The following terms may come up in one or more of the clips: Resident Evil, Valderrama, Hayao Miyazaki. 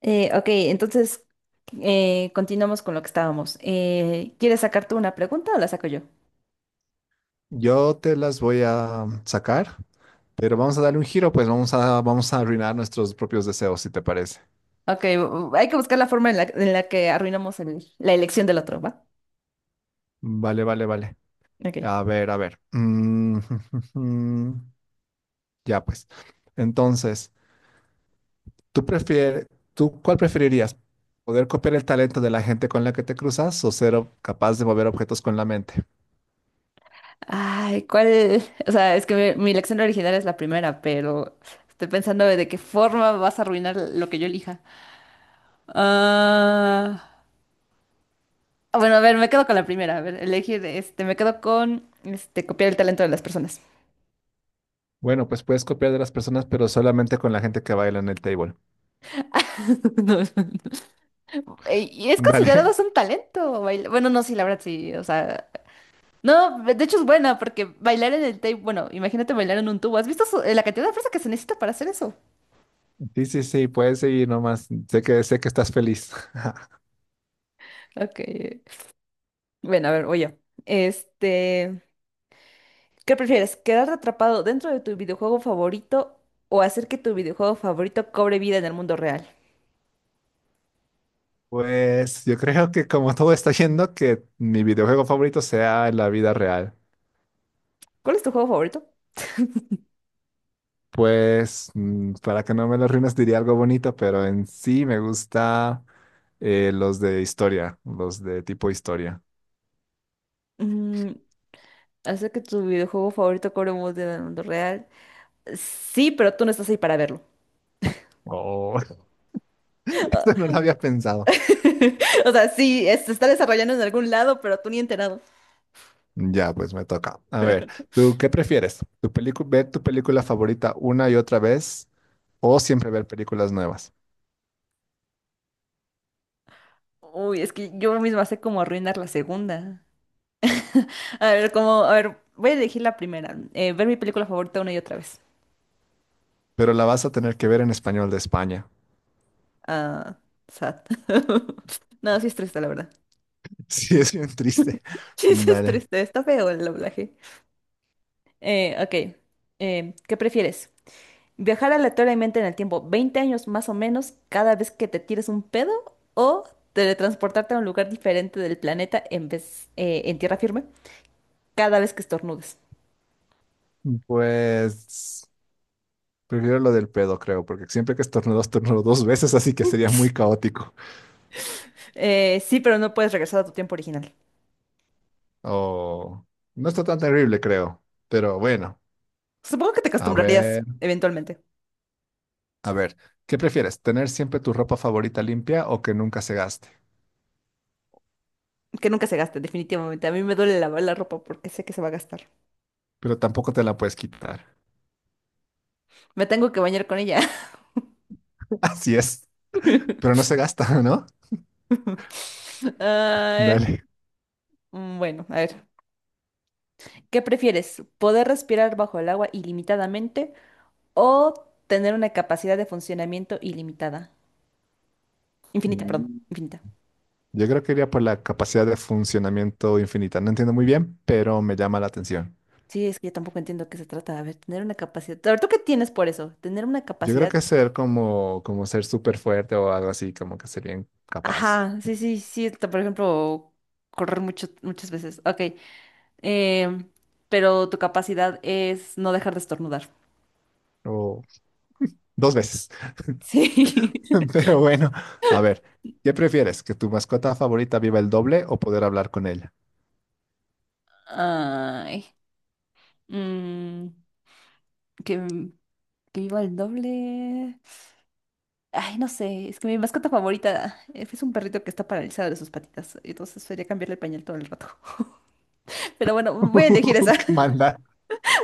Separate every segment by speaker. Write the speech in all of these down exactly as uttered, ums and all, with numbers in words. Speaker 1: Eh, ok, entonces eh, continuamos con lo que estábamos. Eh, ¿quieres sacar tú una pregunta o la saco yo?
Speaker 2: Yo te las voy a sacar, pero vamos a darle un giro, pues vamos a, vamos a arruinar nuestros propios deseos, si te parece.
Speaker 1: Ok, bu- hay que buscar la forma en la, en la que arruinamos el- la elección del otro, ¿va?
Speaker 2: Vale, vale, vale.
Speaker 1: Ok.
Speaker 2: A ver, a ver. Mm, Ya pues. Entonces, ¿tú prefieres, ¿tú cuál preferirías? ¿Poder copiar el talento de la gente con la que te cruzas o ser o- capaz de mover objetos con la mente?
Speaker 1: Ay, ¿cuál? O sea, es que mi, mi elección original es la primera, pero estoy pensando de qué forma vas a arruinar lo que yo elija. Ah, ah, bueno, a ver, me quedo con la primera. A ver, elegir, este, me quedo con, este, copiar el talento de las personas.
Speaker 2: Bueno, pues puedes copiar de las personas, pero solamente con la gente que baila en el table.
Speaker 1: No. Ey, y es
Speaker 2: Dale.
Speaker 1: considerado hasta un talento bailar. Bueno, no, sí, la verdad sí, o sea, no, de hecho es buena porque bailar en el tape, bueno, imagínate bailar en un tubo. ¿Has visto su- eh, la cantidad de fuerza que se necesita para hacer eso?
Speaker 2: Sí, sí, sí, puedes seguir nomás. Sé que, sé que estás feliz.
Speaker 1: Ok. Bueno, a ver, voy yo. Este, ¿qué prefieres? ¿Quedarte atrapado dentro de tu videojuego favorito o hacer que tu videojuego favorito cobre vida en el mundo real?
Speaker 2: Pues yo creo que, como todo está yendo, que mi videojuego favorito sea la vida real.
Speaker 1: ¿Cuál es tu juego favorito?
Speaker 2: Pues mm, para que no me lo arruines diría algo bonito, pero en sí me gusta eh, los de historia, los de tipo historia.
Speaker 1: Mm, Hacer que tu videojuego favorito cobre vida en el mundo real. Sí, pero tú no estás ahí para verlo.
Speaker 2: Oh, esto no lo había pensado.
Speaker 1: O sea, sí, es- se está desarrollando en algún lado, pero tú ni enterado.
Speaker 2: Ya, pues me toca. A ver, ¿tú qué prefieres? ¿Tu película, ¿ver tu película favorita una y otra vez o siempre ver películas nuevas?
Speaker 1: Uy, es que yo misma sé cómo arruinar la segunda. A ver, cómo, a ver, voy a elegir la primera. Eh, ver mi película favorita una y otra vez.
Speaker 2: Pero la vas a tener que ver en español de España.
Speaker 1: Ah, sad. No, sí es triste, la verdad.
Speaker 2: Sí, es bien triste.
Speaker 1: Sí, sí es
Speaker 2: Dale.
Speaker 1: triste, está feo el doblaje. Eh, ok, eh, ¿qué prefieres? ¿Viajar aleatoriamente en el tiempo veinte años más o menos cada vez que te tires un pedo? ¿O teletransportarte a un lugar diferente del planeta en vez, eh, en tierra firme? Cada vez que estornudes.
Speaker 2: Pues prefiero lo del pedo, creo, porque siempre que estornudo, estornudo dos veces, así que sería muy caótico.
Speaker 1: Eh, sí, pero no puedes regresar a tu tiempo original.
Speaker 2: O no está tan terrible, creo. Pero bueno,
Speaker 1: Supongo que te
Speaker 2: a
Speaker 1: acostumbrarías
Speaker 2: ver,
Speaker 1: eventualmente.
Speaker 2: a ver, ¿qué prefieres? ¿Tener siempre tu ropa favorita limpia o que nunca se gaste?
Speaker 1: Que nunca se gaste, definitivamente. A mí me duele lavar la ropa porque sé que se va a gastar.
Speaker 2: Pero tampoco te la puedes quitar.
Speaker 1: Me tengo que bañar con ella.
Speaker 2: Así es, pero no se gasta, ¿no?
Speaker 1: Ay,
Speaker 2: Dale.
Speaker 1: mm, bueno, a ver. ¿Qué prefieres? ¿Poder respirar bajo el agua ilimitadamente o tener una capacidad de funcionamiento ilimitada? Infinita, perdón,
Speaker 2: Mm.
Speaker 1: infinita.
Speaker 2: Yo creo que iría por la capacidad de funcionamiento infinita. No entiendo muy bien, pero me llama la atención.
Speaker 1: Sí, es que yo tampoco entiendo qué se trata. A ver, tener una capacidad. A ver, ¿tú qué tienes por eso? Tener una
Speaker 2: Yo creo
Speaker 1: capacidad.
Speaker 2: que ser como, como ser súper fuerte o algo así, como que ser bien capaz.
Speaker 1: Ajá, sí, sí, sí, t- por ejemplo, correr mucho, muchas veces. Ok, em, pero tu capacidad es no dejar de estornudar.
Speaker 2: O dos veces.
Speaker 1: Sí.
Speaker 2: Pero bueno, a ver, ¿qué prefieres? ¿Que tu mascota favorita viva el doble o poder hablar con ella?
Speaker 1: Ay, mm, que, que viva el doble. Ay, no sé, es que mi mascota favorita eh, es un perrito que está paralizado de sus patitas, entonces sería cambiarle el pañal todo el rato. Pero bueno, voy a elegir esa,
Speaker 2: ¡Qué maldad!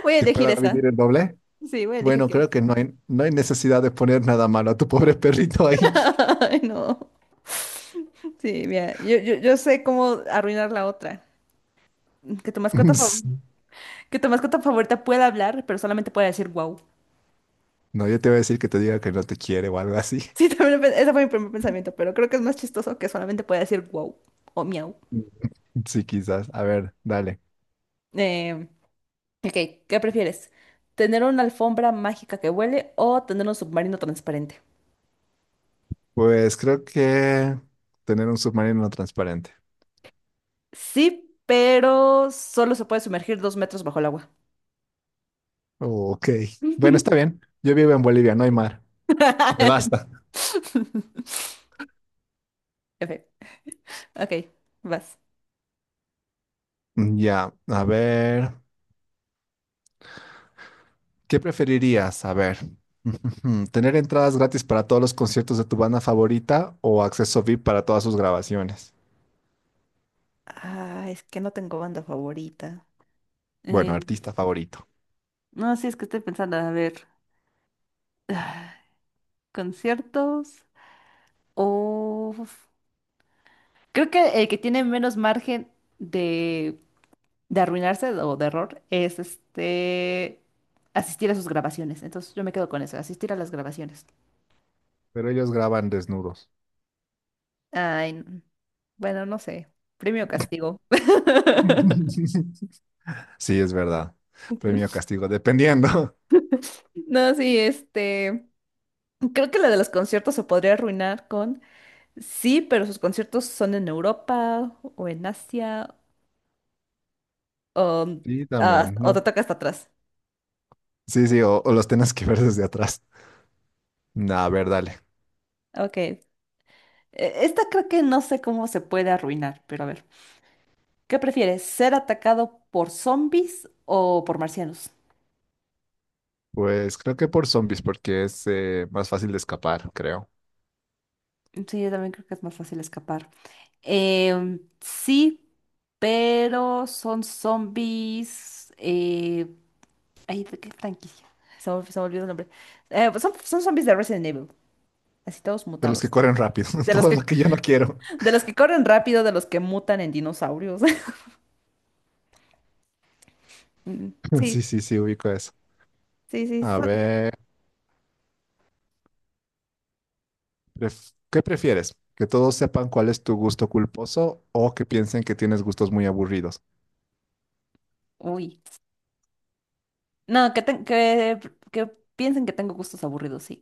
Speaker 1: voy a
Speaker 2: ¿Que
Speaker 1: elegir
Speaker 2: pueda
Speaker 1: esa.
Speaker 2: vivir el doble?
Speaker 1: Sí, voy a elegir
Speaker 2: Bueno,
Speaker 1: que.
Speaker 2: creo que no hay, no hay necesidad de poner nada malo a tu pobre perrito ahí.
Speaker 1: Ay, no. Sí, mira, yo, yo, yo sé cómo arruinar la otra. Que tu mascota favorita, que tu mascota favorita pueda hablar, pero solamente pueda decir wow.
Speaker 2: No, yo te voy a decir que te diga que no te quiere o algo así.
Speaker 1: Sí, también lo pe- ese fue mi primer pensamiento, pero creo que es más chistoso que solamente pueda decir wow o miau.
Speaker 2: Sí, quizás. A ver, dale.
Speaker 1: Eh, ok, ¿qué prefieres? ¿Tener una alfombra mágica que huele o tener un submarino transparente?
Speaker 2: Pues creo que tener un submarino transparente.
Speaker 1: Sí, pero solo se puede sumergir dos metros bajo el agua.
Speaker 2: Ok. Bueno, está bien. Yo vivo en Bolivia, no hay mar. Me basta.
Speaker 1: Ok, ok, vas.
Speaker 2: Ya, a ver. ¿Qué preferirías? A ver. ¿Tener entradas gratis para todos los conciertos de tu banda favorita o acceso V I P para todas sus grabaciones?
Speaker 1: Ah, es que no tengo banda favorita.
Speaker 2: Bueno,
Speaker 1: Eh,
Speaker 2: artista favorito.
Speaker 1: no, sí, es que estoy pensando, a ver. Conciertos o creo que el que tiene menos margen de, de arruinarse o de error es este asistir a sus grabaciones. Entonces yo me quedo con eso, asistir a las grabaciones.
Speaker 2: Pero ellos graban desnudos.
Speaker 1: Ay, n- bueno, no sé, premio o castigo.
Speaker 2: Sí, es verdad. Premio o castigo, dependiendo.
Speaker 1: No, sí, este, creo que la de los conciertos se podría arruinar con, sí, pero sus conciertos son en Europa o en Asia o, mm,
Speaker 2: Sí,
Speaker 1: ah,
Speaker 2: también.
Speaker 1: o te
Speaker 2: No.
Speaker 1: toca hasta atrás.
Speaker 2: Sí, sí, o, o los tenés que ver desde atrás. Nah, a ver, dale.
Speaker 1: Ok. Eh, Esta creo que no sé cómo se puede arruinar, pero a ver. ¿Qué prefieres? ¿Ser atacado por zombies o por marcianos?
Speaker 2: Pues creo que por zombies, porque es eh, más fácil de escapar, creo.
Speaker 1: Sí, yo también creo que es más fácil escapar. Em, sí, pero son zombies. Eh, ay, ¿de qué franquicia? Se me, se me olvidó el nombre. Eh, pues son, son zombies de Resident Evil, así todos
Speaker 2: De los que
Speaker 1: mutados.
Speaker 2: corren rápido.
Speaker 1: De los
Speaker 2: Todo lo
Speaker 1: que,
Speaker 2: que yo no quiero.
Speaker 1: de los que corren rápido, de los que mutan en dinosaurios. Mm, sí,
Speaker 2: Sí, sí, sí, ubico eso.
Speaker 1: sí, sí.
Speaker 2: A
Speaker 1: son-
Speaker 2: ver, pref- ¿qué prefieres? ¿Que todos sepan cuál es tu gusto culposo o que piensen que tienes gustos muy aburridos?
Speaker 1: Uy. No, que, ten- que, que piensen que tengo gustos aburridos, sí.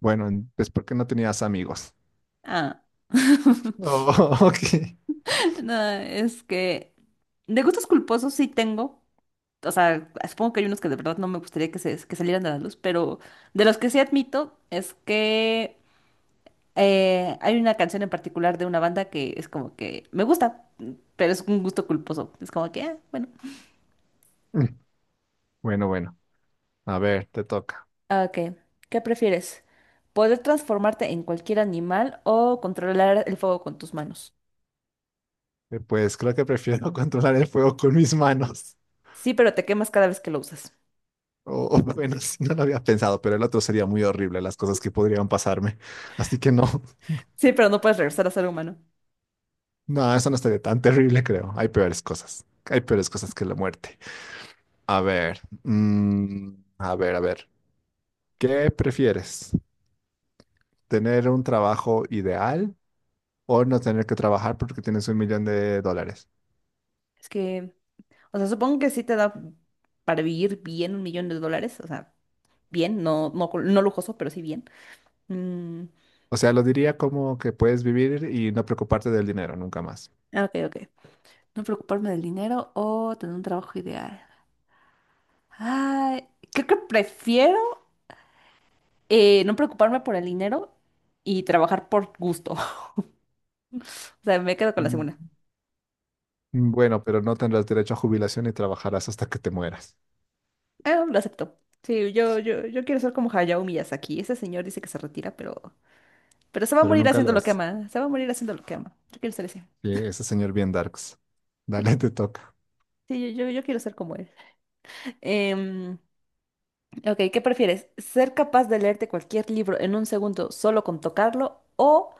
Speaker 2: Bueno, en- es porque no tenías amigos.
Speaker 1: Ah.
Speaker 2: Oh, ok.
Speaker 1: No, es que de gustos culposos sí tengo. O sea, supongo que hay unos que de verdad no me gustaría que, se, que salieran a la luz, pero de los que sí admito es que eh, hay una canción en particular de una banda que es como que me gusta, pero es un gusto culposo. Es como que, ah, bueno.
Speaker 2: Bueno, bueno. A ver, te toca.
Speaker 1: Ok, ¿qué prefieres? ¿Poder transformarte en cualquier animal o controlar el fuego con tus manos?
Speaker 2: Eh, Pues creo que prefiero controlar el fuego con mis manos.
Speaker 1: Sí, pero te quemas cada vez que lo usas.
Speaker 2: O, o bueno, sí, no lo había pensado, pero el otro sería muy horrible, las cosas que podrían pasarme. Así que no.
Speaker 1: Sí, pero no puedes regresar a ser humano.
Speaker 2: No, eso no estaría tan terrible, creo. Hay peores cosas. Hay peores cosas que la muerte. A ver, mm, a ver, a ver. ¿Qué prefieres? ¿Tener un trabajo ideal o no tener que trabajar porque tienes un millón de dólares?
Speaker 1: Es que, o sea, supongo que sí te da para vivir bien un millón de dólares. O sea, bien, no, no, cul- no lujoso, pero sí bien. Mm,
Speaker 2: O sea, lo diría como que puedes vivir y no preocuparte del dinero nunca más.
Speaker 1: ah, ok, ok. No preocuparme del dinero o tener un trabajo ideal. Ay, creo que prefiero eh, no preocuparme por el dinero y trabajar por gusto. O sea, me quedo con la segunda.
Speaker 2: Mm, Bueno, pero no tendrás derecho a jubilación y trabajarás hasta que te mueras.
Speaker 1: Ah, lo acepto. Sí, yo, yo, yo quiero ser como Hayao Miyazaki. Ese señor dice que se retira, pero Pero se va a
Speaker 2: Pero
Speaker 1: morir
Speaker 2: nunca
Speaker 1: haciendo
Speaker 2: lo
Speaker 1: lo que
Speaker 2: haces.
Speaker 1: ama. Se va a morir haciendo lo que ama. Yo quiero ser ese.
Speaker 2: Sí, ese señor bien darks.
Speaker 1: Sí,
Speaker 2: Dale, te toca.
Speaker 1: sí, yo, yo, yo quiero ser como él. Em, ok, ¿qué prefieres? ¿Ser capaz de leerte cualquier libro en un segundo solo con tocarlo o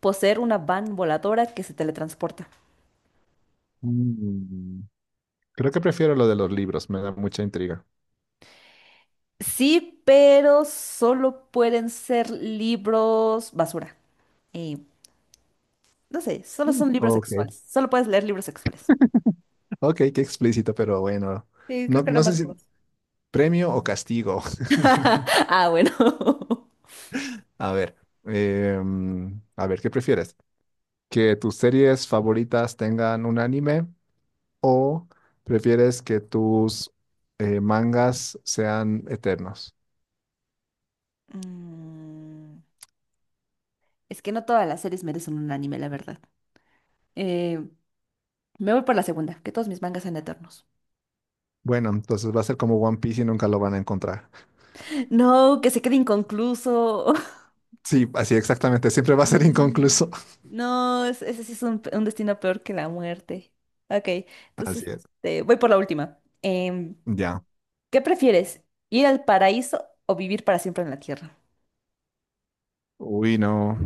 Speaker 1: poseer una van voladora que se teletransporta?
Speaker 2: Mm, Creo que prefiero lo de los libros, me da mucha intriga.
Speaker 1: Sí, pero solo pueden ser libros basura. Y no sé, solo son libros
Speaker 2: Ok,
Speaker 1: sexuales. Solo puedes leer libros sexuales.
Speaker 2: ok, qué explícito, pero bueno.
Speaker 1: Sí,
Speaker 2: No,
Speaker 1: creo que era
Speaker 2: no sé
Speaker 1: más
Speaker 2: si
Speaker 1: broad.
Speaker 2: premio o castigo.
Speaker 1: Ah, bueno.
Speaker 2: A ver, em, a ver, ¿qué prefieres? ¿Que tus series favoritas tengan un anime o prefieres que tus eh, mangas sean eternos?
Speaker 1: Mm, Es que no todas las series merecen un anime, la verdad. Eh, Me voy por la segunda, que todos mis mangas sean eternos.
Speaker 2: Bueno, entonces va a ser como One Piece y nunca lo van a encontrar.
Speaker 1: No, que se quede inconcluso.
Speaker 2: Sí, así exactamente, siempre va a ser inconcluso.
Speaker 1: Sí. No, es- ese sí es un, un destino peor que la muerte. Ok,
Speaker 2: Así
Speaker 1: entonces
Speaker 2: es.
Speaker 1: eh, voy por la última. Em,
Speaker 2: Ya.
Speaker 1: ¿qué prefieres? ¿Ir al paraíso o vivir para siempre en la tierra?
Speaker 2: Uy, no.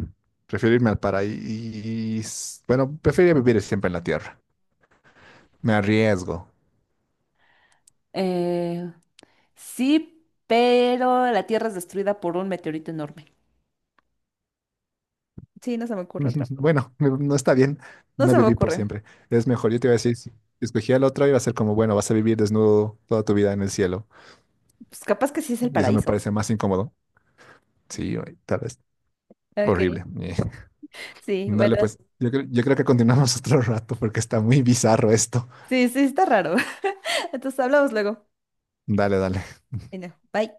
Speaker 2: Prefiero irme al paraíso. Bueno, prefiero vivir siempre en la tierra. Me arriesgo.
Speaker 1: Eh, sí, pero la tierra es destruida por un meteorito enorme. Sí, no se me ocurre otra.
Speaker 2: Bueno, no no está bien,
Speaker 1: No
Speaker 2: no
Speaker 1: se me
Speaker 2: viví por
Speaker 1: ocurre.
Speaker 2: siempre. Es mejor, yo te iba a decir, si escogía el otro, iba a ser como, bueno, vas a vivir desnudo toda tu vida en el cielo.
Speaker 1: Pues capaz que sí es el
Speaker 2: Y eso me
Speaker 1: paraíso.
Speaker 2: parece más incómodo. Sí, oye, tal vez.
Speaker 1: Ok.
Speaker 2: Horrible. Eh,
Speaker 1: Sí,
Speaker 2: Dale,
Speaker 1: bueno,
Speaker 2: pues, yo, creo- yo creo que continuamos otro rato porque está muy bizarro esto.
Speaker 1: sí, sí, está raro. Entonces hablamos luego.
Speaker 2: Dale, dale.
Speaker 1: Bueno, bye.